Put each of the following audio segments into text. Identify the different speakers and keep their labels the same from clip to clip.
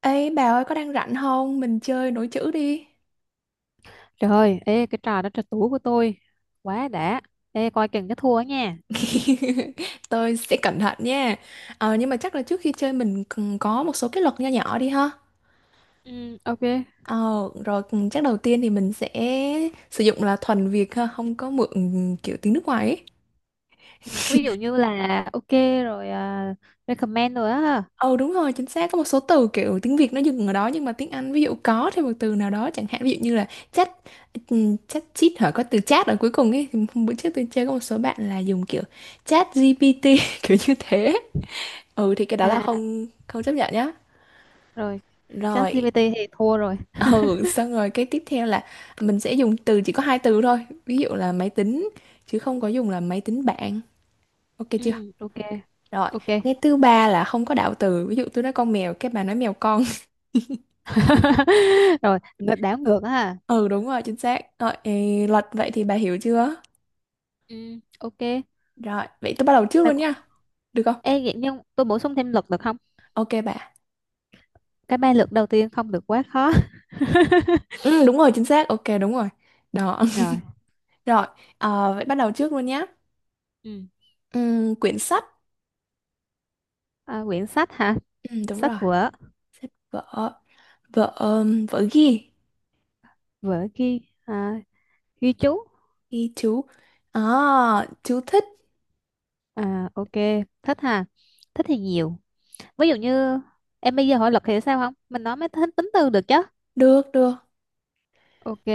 Speaker 1: Ê bà ơi có đang rảnh không? Mình chơi nối chữ đi.
Speaker 2: Trời ơi, ê cái trò đó trò tủ của tôi quá đã. Ê coi chừng cái thua nha.
Speaker 1: Tôi sẽ cẩn thận nha. Ờ, nhưng mà chắc là trước khi chơi mình cần có một số cái luật nho nhỏ đi ha.
Speaker 2: Ừ, ok.
Speaker 1: Ờ, rồi chắc đầu tiên thì mình sẽ sử dụng là thuần Việt ha, không có mượn kiểu tiếng nước ngoài ấy.
Speaker 2: Ừ, ví dụ như là ok rồi à, recommend rồi á. À,
Speaker 1: Ờ đúng rồi, chính xác có một số từ kiểu tiếng Việt nó dừng ở đó nhưng mà tiếng Anh ví dụ có thêm một từ nào đó chẳng hạn ví dụ như là chat chat chít hả có từ chat ở cuối cùng ấy thì hôm bữa trước tôi chơi có một số bạn là dùng kiểu chat GPT kiểu như thế ừ thì cái đó là
Speaker 2: à,
Speaker 1: không không chấp nhận nhá
Speaker 2: rồi
Speaker 1: rồi
Speaker 2: ChatGPT thì thua rồi.
Speaker 1: ừ xong rồi cái tiếp theo là mình sẽ dùng từ chỉ có hai từ thôi ví dụ là máy tính chứ không có dùng là máy tính bảng ok chưa
Speaker 2: Ừ, ok.
Speaker 1: rồi
Speaker 2: Ok.
Speaker 1: cái thứ ba là không có đạo từ ví dụ tôi nói con mèo cái bà nói mèo con
Speaker 2: Rồi, ngược đảo ngược á. Ha.
Speaker 1: ừ đúng rồi chính xác rồi ê, luật vậy thì bà hiểu chưa
Speaker 2: Ừ, ok.
Speaker 1: rồi vậy tôi bắt đầu trước
Speaker 2: Mà,
Speaker 1: luôn
Speaker 2: có-
Speaker 1: nha được không
Speaker 2: ê vậy nhưng tôi bổ sung thêm luật được không?
Speaker 1: ok bà
Speaker 2: Cái ba luật đầu tiên không được quá khó.
Speaker 1: ừ đúng rồi chính xác ok đúng rồi đó
Speaker 2: Rồi.
Speaker 1: rồi ờ, vậy bắt đầu trước luôn nhá
Speaker 2: Ừ.
Speaker 1: ừ, quyển sách
Speaker 2: À, quyển sách hả?
Speaker 1: ừ, đúng rồi
Speaker 2: Sách vở,
Speaker 1: vợ vợ vợ ghi
Speaker 2: vở ghi à, ghi chú.
Speaker 1: thì chú à chú thích
Speaker 2: À ok, thích ha. Thích thì nhiều. Ví dụ như em bây giờ hỏi luật thì sao không? Mình nói mới tính tính từ được chứ.
Speaker 1: được được
Speaker 2: Ok,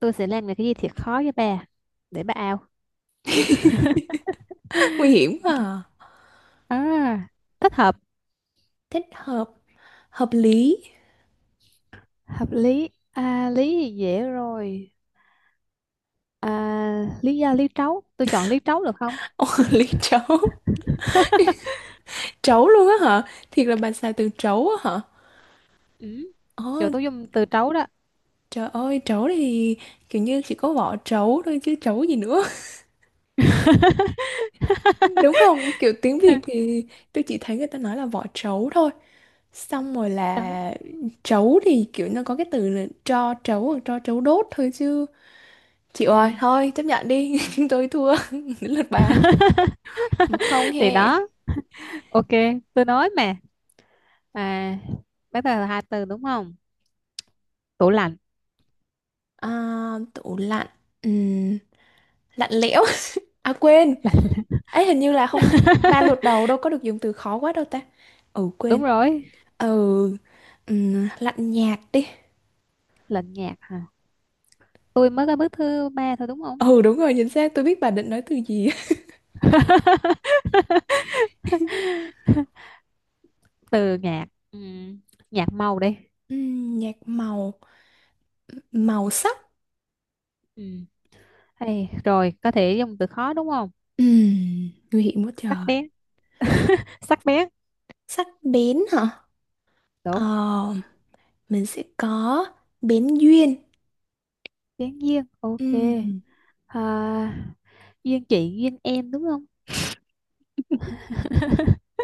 Speaker 2: tôi sẽ làm cái gì thiệt khó với bà để bà ao.
Speaker 1: nguy hiểm quá à.
Speaker 2: À, thích hợp,
Speaker 1: Thích hợp hợp lý
Speaker 2: hợp lý. À, lý thì dễ rồi. À, lý do lý trấu, tôi chọn lý trấu được không?
Speaker 1: Ồ, lý trấu trấu luôn á hả thiệt là bà xài từ trấu á hả
Speaker 2: Ừ.
Speaker 1: ồ
Speaker 2: Rồi tôi dùng từ trấu đó.
Speaker 1: trời ơi trấu thì kiểu như chỉ có vỏ trấu thôi chứ trấu gì nữa đúng không kiểu tiếng Việt thì tôi chỉ thấy người ta nói là vỏ trấu thôi xong rồi
Speaker 2: Trấu.
Speaker 1: là trấu thì kiểu nó có cái từ là tro trấu hoặc tro trấu đốt thôi chứ Chị ơi,
Speaker 2: Ừ.
Speaker 1: thôi chấp nhận đi, tôi thua, đến lượt bà. 1-0
Speaker 2: Thì
Speaker 1: he.
Speaker 2: đó, ok, tôi nói mà. À, bắt đầu là hai từ đúng không? Tủ lạnh.
Speaker 1: À, tủ lạnh, Ừm, lạnh lẽo. À quên, ấy hình như là không, ba lượt đầu đâu có được dùng từ khó quá đâu ta. Ừ quên,
Speaker 2: Đúng rồi.
Speaker 1: ừ, lạnh nhạt đi.
Speaker 2: Lạnh nhạt hả? Tôi mới có bước thứ ba thôi đúng không?
Speaker 1: Ừ đúng rồi, chính xác, tôi biết bà định nói từ gì.
Speaker 2: Từ nhạt ừ. Nhạt màu đi.
Speaker 1: Nhạt màu, màu sắc.
Speaker 2: Ừ. Hay, rồi có thể dùng từ khó đúng không?
Speaker 1: Ừm, nguy hiểm quá
Speaker 2: Sắc
Speaker 1: trời.
Speaker 2: bén. Sắc bén.
Speaker 1: Sắc bén hả? Ờ,
Speaker 2: Đúng.
Speaker 1: mình sẽ có bén duyên.
Speaker 2: Bén duyên ok.
Speaker 1: Ừm.
Speaker 2: À, duyên chị duyên em đúng không?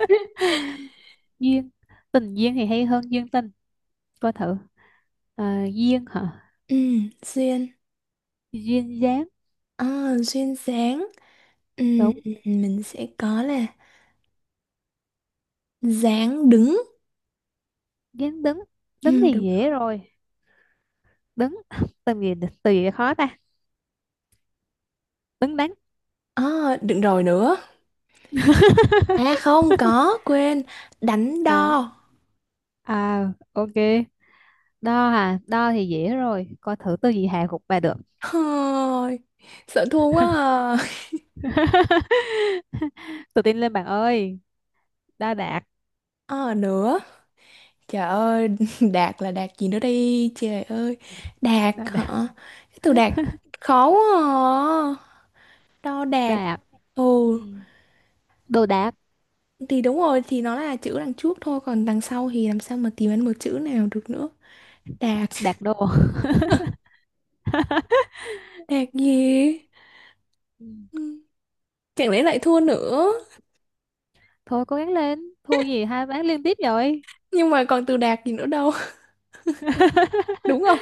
Speaker 2: Duyên tình duyên thì hay hơn duyên tình, coi thử. À, duyên hả?
Speaker 1: Ừ, duyên.
Speaker 2: Duyên dáng.
Speaker 1: À, duyên dáng. Ừ,
Speaker 2: Đúng.
Speaker 1: ừ, mình sẽ có là dáng đứng.
Speaker 2: Dáng đứng.
Speaker 1: Ừ,
Speaker 2: Đứng thì
Speaker 1: đúng.
Speaker 2: dễ rồi. Đứng, từ gì, từ gì khó ta. Đứng đắn.
Speaker 1: À, đừng rồi nữa. À không có, quên. Đánh
Speaker 2: À,
Speaker 1: đo.
Speaker 2: à, ok. Đo hả? Đo thì dễ rồi, coi thử từ gì hạ gục bà được.
Speaker 1: Thôi, sợ thua quá à.
Speaker 2: Tự tin lên bạn ơi. Đo đạc.
Speaker 1: À, nữa. Trời ơi, đạt là đạt gì nữa đây Trời ơi, đạt
Speaker 2: Đo
Speaker 1: hả?
Speaker 2: đạc.
Speaker 1: Cái từ đạt khó quá à. Đo đạt.
Speaker 2: Đạc. Ừ.
Speaker 1: Ồ,
Speaker 2: Đồ đạc.
Speaker 1: thì đúng rồi, thì nó là chữ đằng trước thôi. Còn đằng sau thì làm sao mà tìm ra một chữ nào được nữa. Đạt.
Speaker 2: Đạc đồ.
Speaker 1: Đạt gì?
Speaker 2: Ừ.
Speaker 1: Ừ, Chẳng lẽ lại thua nữa?
Speaker 2: Thôi cố gắng lên, thua gì hai ván liên tiếp rồi.
Speaker 1: Nhưng mà còn từ đạt gì nữa đâu, đúng không?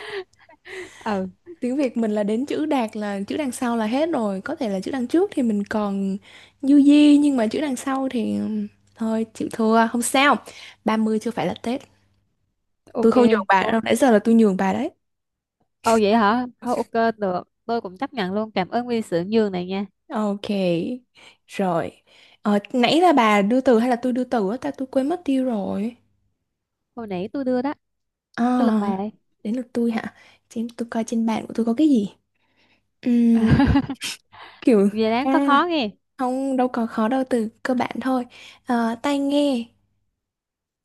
Speaker 2: Ừ,
Speaker 1: Tiếng Việt mình là đến chữ đạt là chữ đằng sau là hết rồi, có thể là chữ đằng trước thì mình còn du di nhưng mà chữ đằng sau thì thôi chịu thua, không sao. 30 chưa phải là Tết. Tôi
Speaker 2: ok.
Speaker 1: không nhường bà
Speaker 2: Cố.
Speaker 1: đâu, nãy giờ là tôi nhường bà đấy.
Speaker 2: Ồ vậy hả, thôi ok được, tôi cũng chấp nhận luôn, cảm ơn vì sự nhường này nha.
Speaker 1: Ok. Rồi. Ờ, nãy là bà đưa từ hay là tôi đưa từ á ta tôi quên mất tiêu rồi.
Speaker 2: Hồi nãy tôi đưa đó.
Speaker 1: À,
Speaker 2: Tôi lật bài đây.
Speaker 1: đến lượt tôi hả? Xem tôi coi trên bàn của tôi có cái gì. Kiểu
Speaker 2: Về đáng có
Speaker 1: à
Speaker 2: khó nghe.
Speaker 1: không đâu có khó đâu từ cơ bản thôi Ờ, tai nghe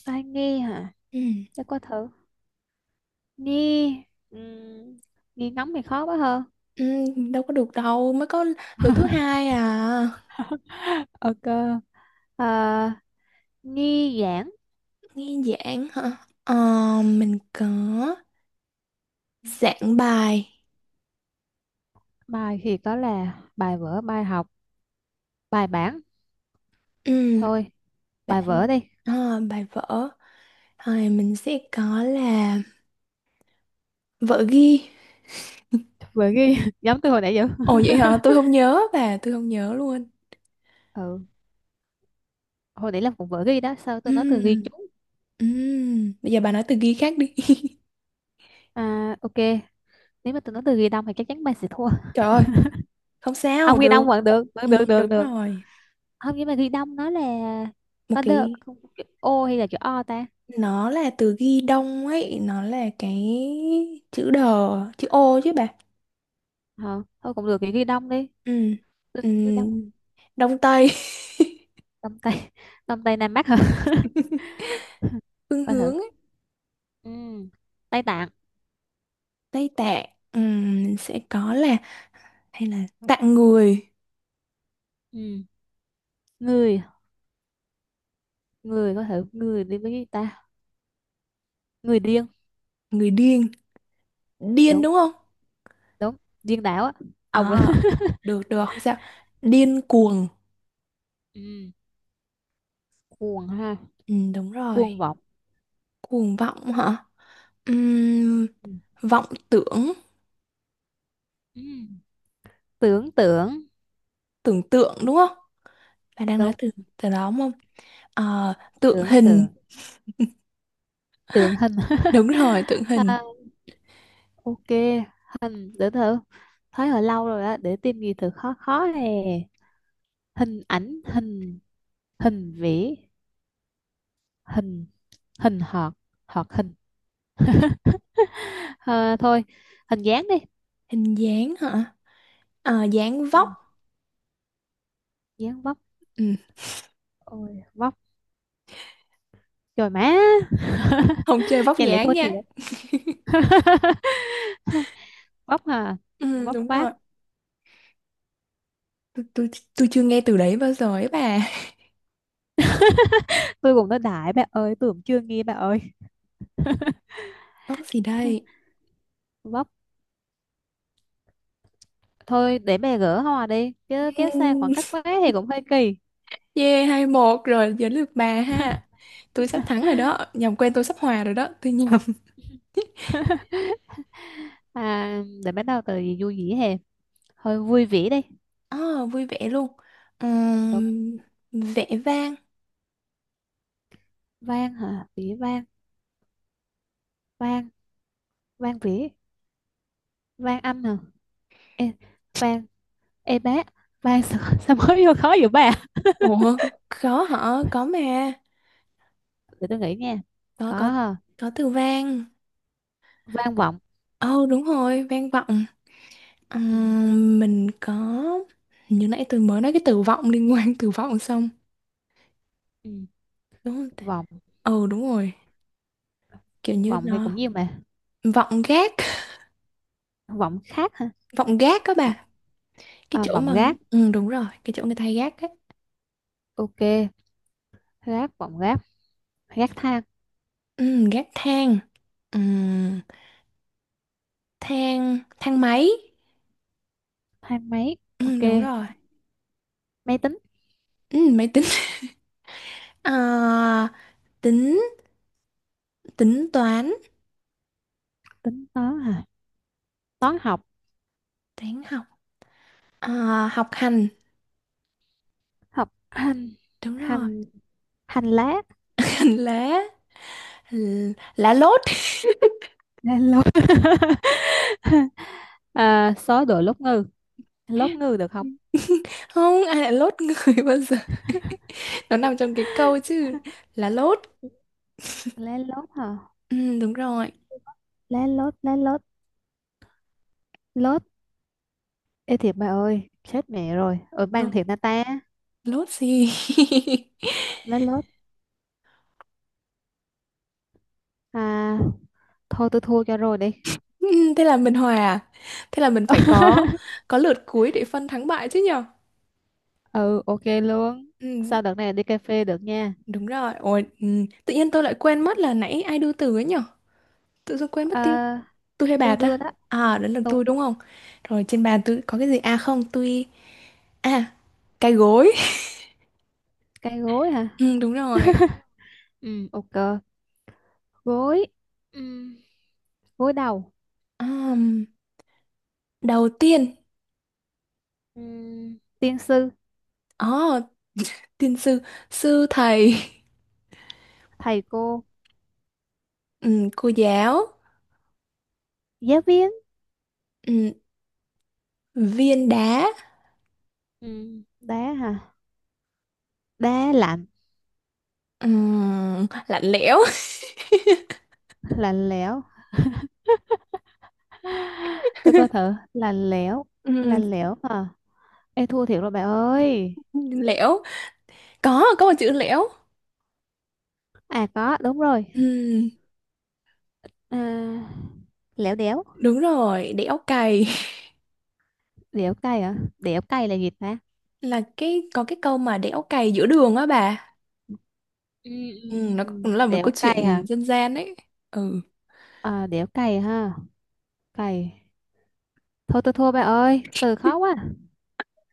Speaker 2: Ai nghe hả?
Speaker 1: Ừ.
Speaker 2: Chắc có thử. Nghe. Uhm, Nghe ngóng thì khó quá hơn.
Speaker 1: ừ, đâu có được đâu mới có lượt thứ hai à
Speaker 2: Ok. Ờ, nghi giảng.
Speaker 1: nghe giảng hả Ờ, mình có giảng bài
Speaker 2: Bài thì có là bài vở, bài học, bài bản.
Speaker 1: ừ,
Speaker 2: Thôi, bài
Speaker 1: bạn
Speaker 2: vở đi.
Speaker 1: ờ, bài vở rồi mình sẽ có là vở ghi
Speaker 2: Vở ghi. Giống tôi hồi nãy vậy.
Speaker 1: ồ vậy hả tôi không nhớ bà tôi không nhớ luôn
Speaker 2: Ừ. Hồi nãy là cũng vở ghi đó. Sao tôi nói
Speaker 1: ừ,
Speaker 2: từ ghi chú?
Speaker 1: ừ. bây giờ bà nói từ ghi khác đi
Speaker 2: À, ok. Nếu mà tôi nói từ ghi đông thì chắc chắn bạn sẽ thua.
Speaker 1: trời ơi không sao
Speaker 2: Không ghi
Speaker 1: được
Speaker 2: đông vẫn được. Vẫn
Speaker 1: ừ,
Speaker 2: được, được,
Speaker 1: đúng
Speaker 2: được.
Speaker 1: rồi
Speaker 2: Không, nhưng mà ghi đông nó là
Speaker 1: một
Speaker 2: có được.
Speaker 1: cái
Speaker 2: Chữ O hay là chữ O ta?
Speaker 1: nó là từ ghi đông ấy nó là cái chữ đờ chữ ô chứ bà
Speaker 2: Ờ, thôi cũng được thì ghi đông đi.
Speaker 1: ừ
Speaker 2: Tôi
Speaker 1: ừ
Speaker 2: nghĩ nước đông.
Speaker 1: đông tây
Speaker 2: Đông tây. Đông tây nam bắc hả?
Speaker 1: phương
Speaker 2: Coi thử.
Speaker 1: hướng ấy.
Speaker 2: Ừ. Tây Tạng.
Speaker 1: Tây Tạng sẽ có là hay là tạng người
Speaker 2: Ừ. Người. Người coi thử người đi với gì ta. Người điên.
Speaker 1: người điên điên
Speaker 2: Đúng.
Speaker 1: đúng không
Speaker 2: Đúng. Điên đảo á ông. ấy.
Speaker 1: à được được không sao điên cuồng
Speaker 2: Ừ. Cuồng ha.
Speaker 1: ừ, đúng rồi
Speaker 2: Cuồng vọng.
Speaker 1: cuồng vọng hả Ừm,
Speaker 2: Ừ.
Speaker 1: vọng tưởng
Speaker 2: Ừ. Tưởng tượng.
Speaker 1: tưởng tượng đúng không bà đang nói
Speaker 2: Đúng.
Speaker 1: từ từ đó đúng không Ờ, tượng
Speaker 2: Tưởng
Speaker 1: hình
Speaker 2: tượng. Tượng hình.
Speaker 1: Đúng rồi, tượng hình.
Speaker 2: À, ok. Hình để thử, thấy hồi lâu rồi á, để tìm gì thử khó khó nè. Hình ảnh, hình, hình vẽ, hình, hình họt, họt hình. Ờ, thôi hình dáng đi.
Speaker 1: Hình dáng hả? Ờ, dáng
Speaker 2: Ừ.
Speaker 1: vóc.
Speaker 2: Dáng vóc.
Speaker 1: Ừ.
Speaker 2: Ôi vóc trời má.
Speaker 1: Không chơi vóc
Speaker 2: Chẳng lẽ
Speaker 1: dáng
Speaker 2: tôi
Speaker 1: nha.
Speaker 2: thiệt. Vóc à.
Speaker 1: Ừ,
Speaker 2: Vóc
Speaker 1: đúng
Speaker 2: vác.
Speaker 1: rồi. Tôi, tôi, tôi chưa nghe từ đấy bao giờ ấy bà.
Speaker 2: Tôi cũng nói đại bà ơi, tôi cũng chưa nghe bà ơi.
Speaker 1: Vóc gì đây?
Speaker 2: Vóc, thôi để bà gỡ hoa đi chứ kéo xa khoảng
Speaker 1: Ừm,
Speaker 2: cách quá thì cũng hơi kỳ.
Speaker 1: Yeah, 2-1 rồi, giờ lượt bà ha. Tôi sắp thắng rồi đó. Nhầm quen tôi sắp hòa rồi đó. Tôi nhầm.
Speaker 2: À, để bắt đầu từ gì vui vẻ hè. Hơi vui vẻ đi.
Speaker 1: Ờ, vui vẻ luôn.
Speaker 2: Đúng.
Speaker 1: Ừm, vẻ vang.
Speaker 2: Vang hả? Vĩ vang. Vang. Vang vỉ. Vang âm hả? Ê, vang, ê bác, vang sao, sao mới vô khó vậy bà?
Speaker 1: Ủa, khó hả? Có mà.
Speaker 2: Để tôi nghĩ nha.
Speaker 1: Có, có,
Speaker 2: Có.
Speaker 1: có từ vang.
Speaker 2: Vang vọng.
Speaker 1: Ồ, đúng rồi, vang vọng. Ờ,
Speaker 2: Ừ.
Speaker 1: mình có như nãy tôi mới nói cái từ vọng liên quan từ vọng xong
Speaker 2: Ừ.
Speaker 1: đúng không ta?
Speaker 2: Vọng,
Speaker 1: Ừ đúng rồi kiểu như
Speaker 2: vọng thì
Speaker 1: nó
Speaker 2: cũng nhiều mà.
Speaker 1: vọng gác
Speaker 2: Vọng khác hả?
Speaker 1: vọng gác các
Speaker 2: Vọng,
Speaker 1: bà cái
Speaker 2: à,
Speaker 1: chỗ
Speaker 2: vọng
Speaker 1: mà
Speaker 2: gác,
Speaker 1: ừ đúng rồi cái chỗ người ta hay gác á
Speaker 2: ok. Gác, vọng gác, gác thang,
Speaker 1: ừ, gác thang ừ, thang thang máy
Speaker 2: thang máy,
Speaker 1: ừ,
Speaker 2: ok.
Speaker 1: đúng rồi
Speaker 2: Máy tính,
Speaker 1: ừ, máy tính Ờ, tính tính toán
Speaker 2: tính toán hả? Toán học,
Speaker 1: toán học Ờ, học hành
Speaker 2: học hành,
Speaker 1: đúng rồi
Speaker 2: hành, hành lá.
Speaker 1: hành lá lá lốt
Speaker 2: Lá lốt. À, số đồ lốt ngư được không?
Speaker 1: không ai lại lốt người bao giờ nó nằm trong cái câu chứ là lốt
Speaker 2: Lá lốt hả?
Speaker 1: ừ, đúng rồi
Speaker 2: Lá lốt, lốt. Ê thiệt bà ơi, chết mẹ rồi. Ở
Speaker 1: lốt
Speaker 2: bang thiệt na ta,
Speaker 1: lốt gì
Speaker 2: lát lốt. À, thôi tôi thua cho rồi đi.
Speaker 1: Ừ, thế là mình hòa à? Thế là mình phải có lượt cuối để phân thắng bại chứ nhở
Speaker 2: Ừ, ok luôn.
Speaker 1: ừ,
Speaker 2: Sao đợt này đi cà phê được nha.
Speaker 1: đúng rồi ôi ừ. tự nhiên tôi lại quên mất là nãy ai đưa từ ấy nhở tự dưng quên mất tiêu
Speaker 2: À,
Speaker 1: tôi hay bà
Speaker 2: tôi
Speaker 1: ta
Speaker 2: đưa đó.
Speaker 1: à đến lượt tôi đúng không rồi trên bàn tôi có cái gì à không tôi à cái gối
Speaker 2: Cái gối hả?
Speaker 1: ừ, đúng rồi
Speaker 2: Ừ, ok. Gối. Ừ, gối đầu.
Speaker 1: Ờm, đầu tiên
Speaker 2: Ừ, tiên sư,
Speaker 1: Ồ, tiên sư sư thầy
Speaker 2: thầy cô,
Speaker 1: cô giáo
Speaker 2: giáo viên.
Speaker 1: ừm, viên đá
Speaker 2: Ừ, đá hả? Đá lạnh,
Speaker 1: lạnh lẽo
Speaker 2: lạnh lẽo. Tôi coi thử,
Speaker 1: Ừm,
Speaker 2: lạnh lẽo hả? Ê thua thiệt rồi bà ơi.
Speaker 1: lẽo có một chữ lẽo
Speaker 2: À có, đúng rồi.
Speaker 1: Ừm,
Speaker 2: À, léo đéo.
Speaker 1: đúng rồi đẽo cày
Speaker 2: Đéo cay à, đéo cay là gì ta.
Speaker 1: là cái có cái câu mà đẽo cày giữa đường á bà
Speaker 2: Ừ, ừ, ừ.
Speaker 1: Nó cũng
Speaker 2: Ừ.
Speaker 1: là một
Speaker 2: Đéo
Speaker 1: câu chuyện
Speaker 2: cay hả?
Speaker 1: dân gian ấy ừ
Speaker 2: À, đéo cay ha. Cay, thôi tôi thua bà ơi, từ khó quá.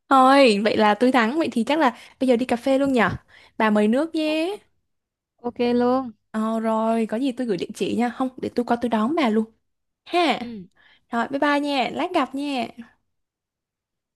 Speaker 1: thôi vậy là tôi thắng vậy thì chắc là bây giờ đi cà phê luôn nhở bà mời nước
Speaker 2: Ô-
Speaker 1: nhé
Speaker 2: ok luôn.
Speaker 1: ờ rồi có gì tôi gửi địa chỉ nha không để tôi qua tôi đón bà luôn ha
Speaker 2: Ừ.
Speaker 1: Rồi bye bye nha, lát gặp nha.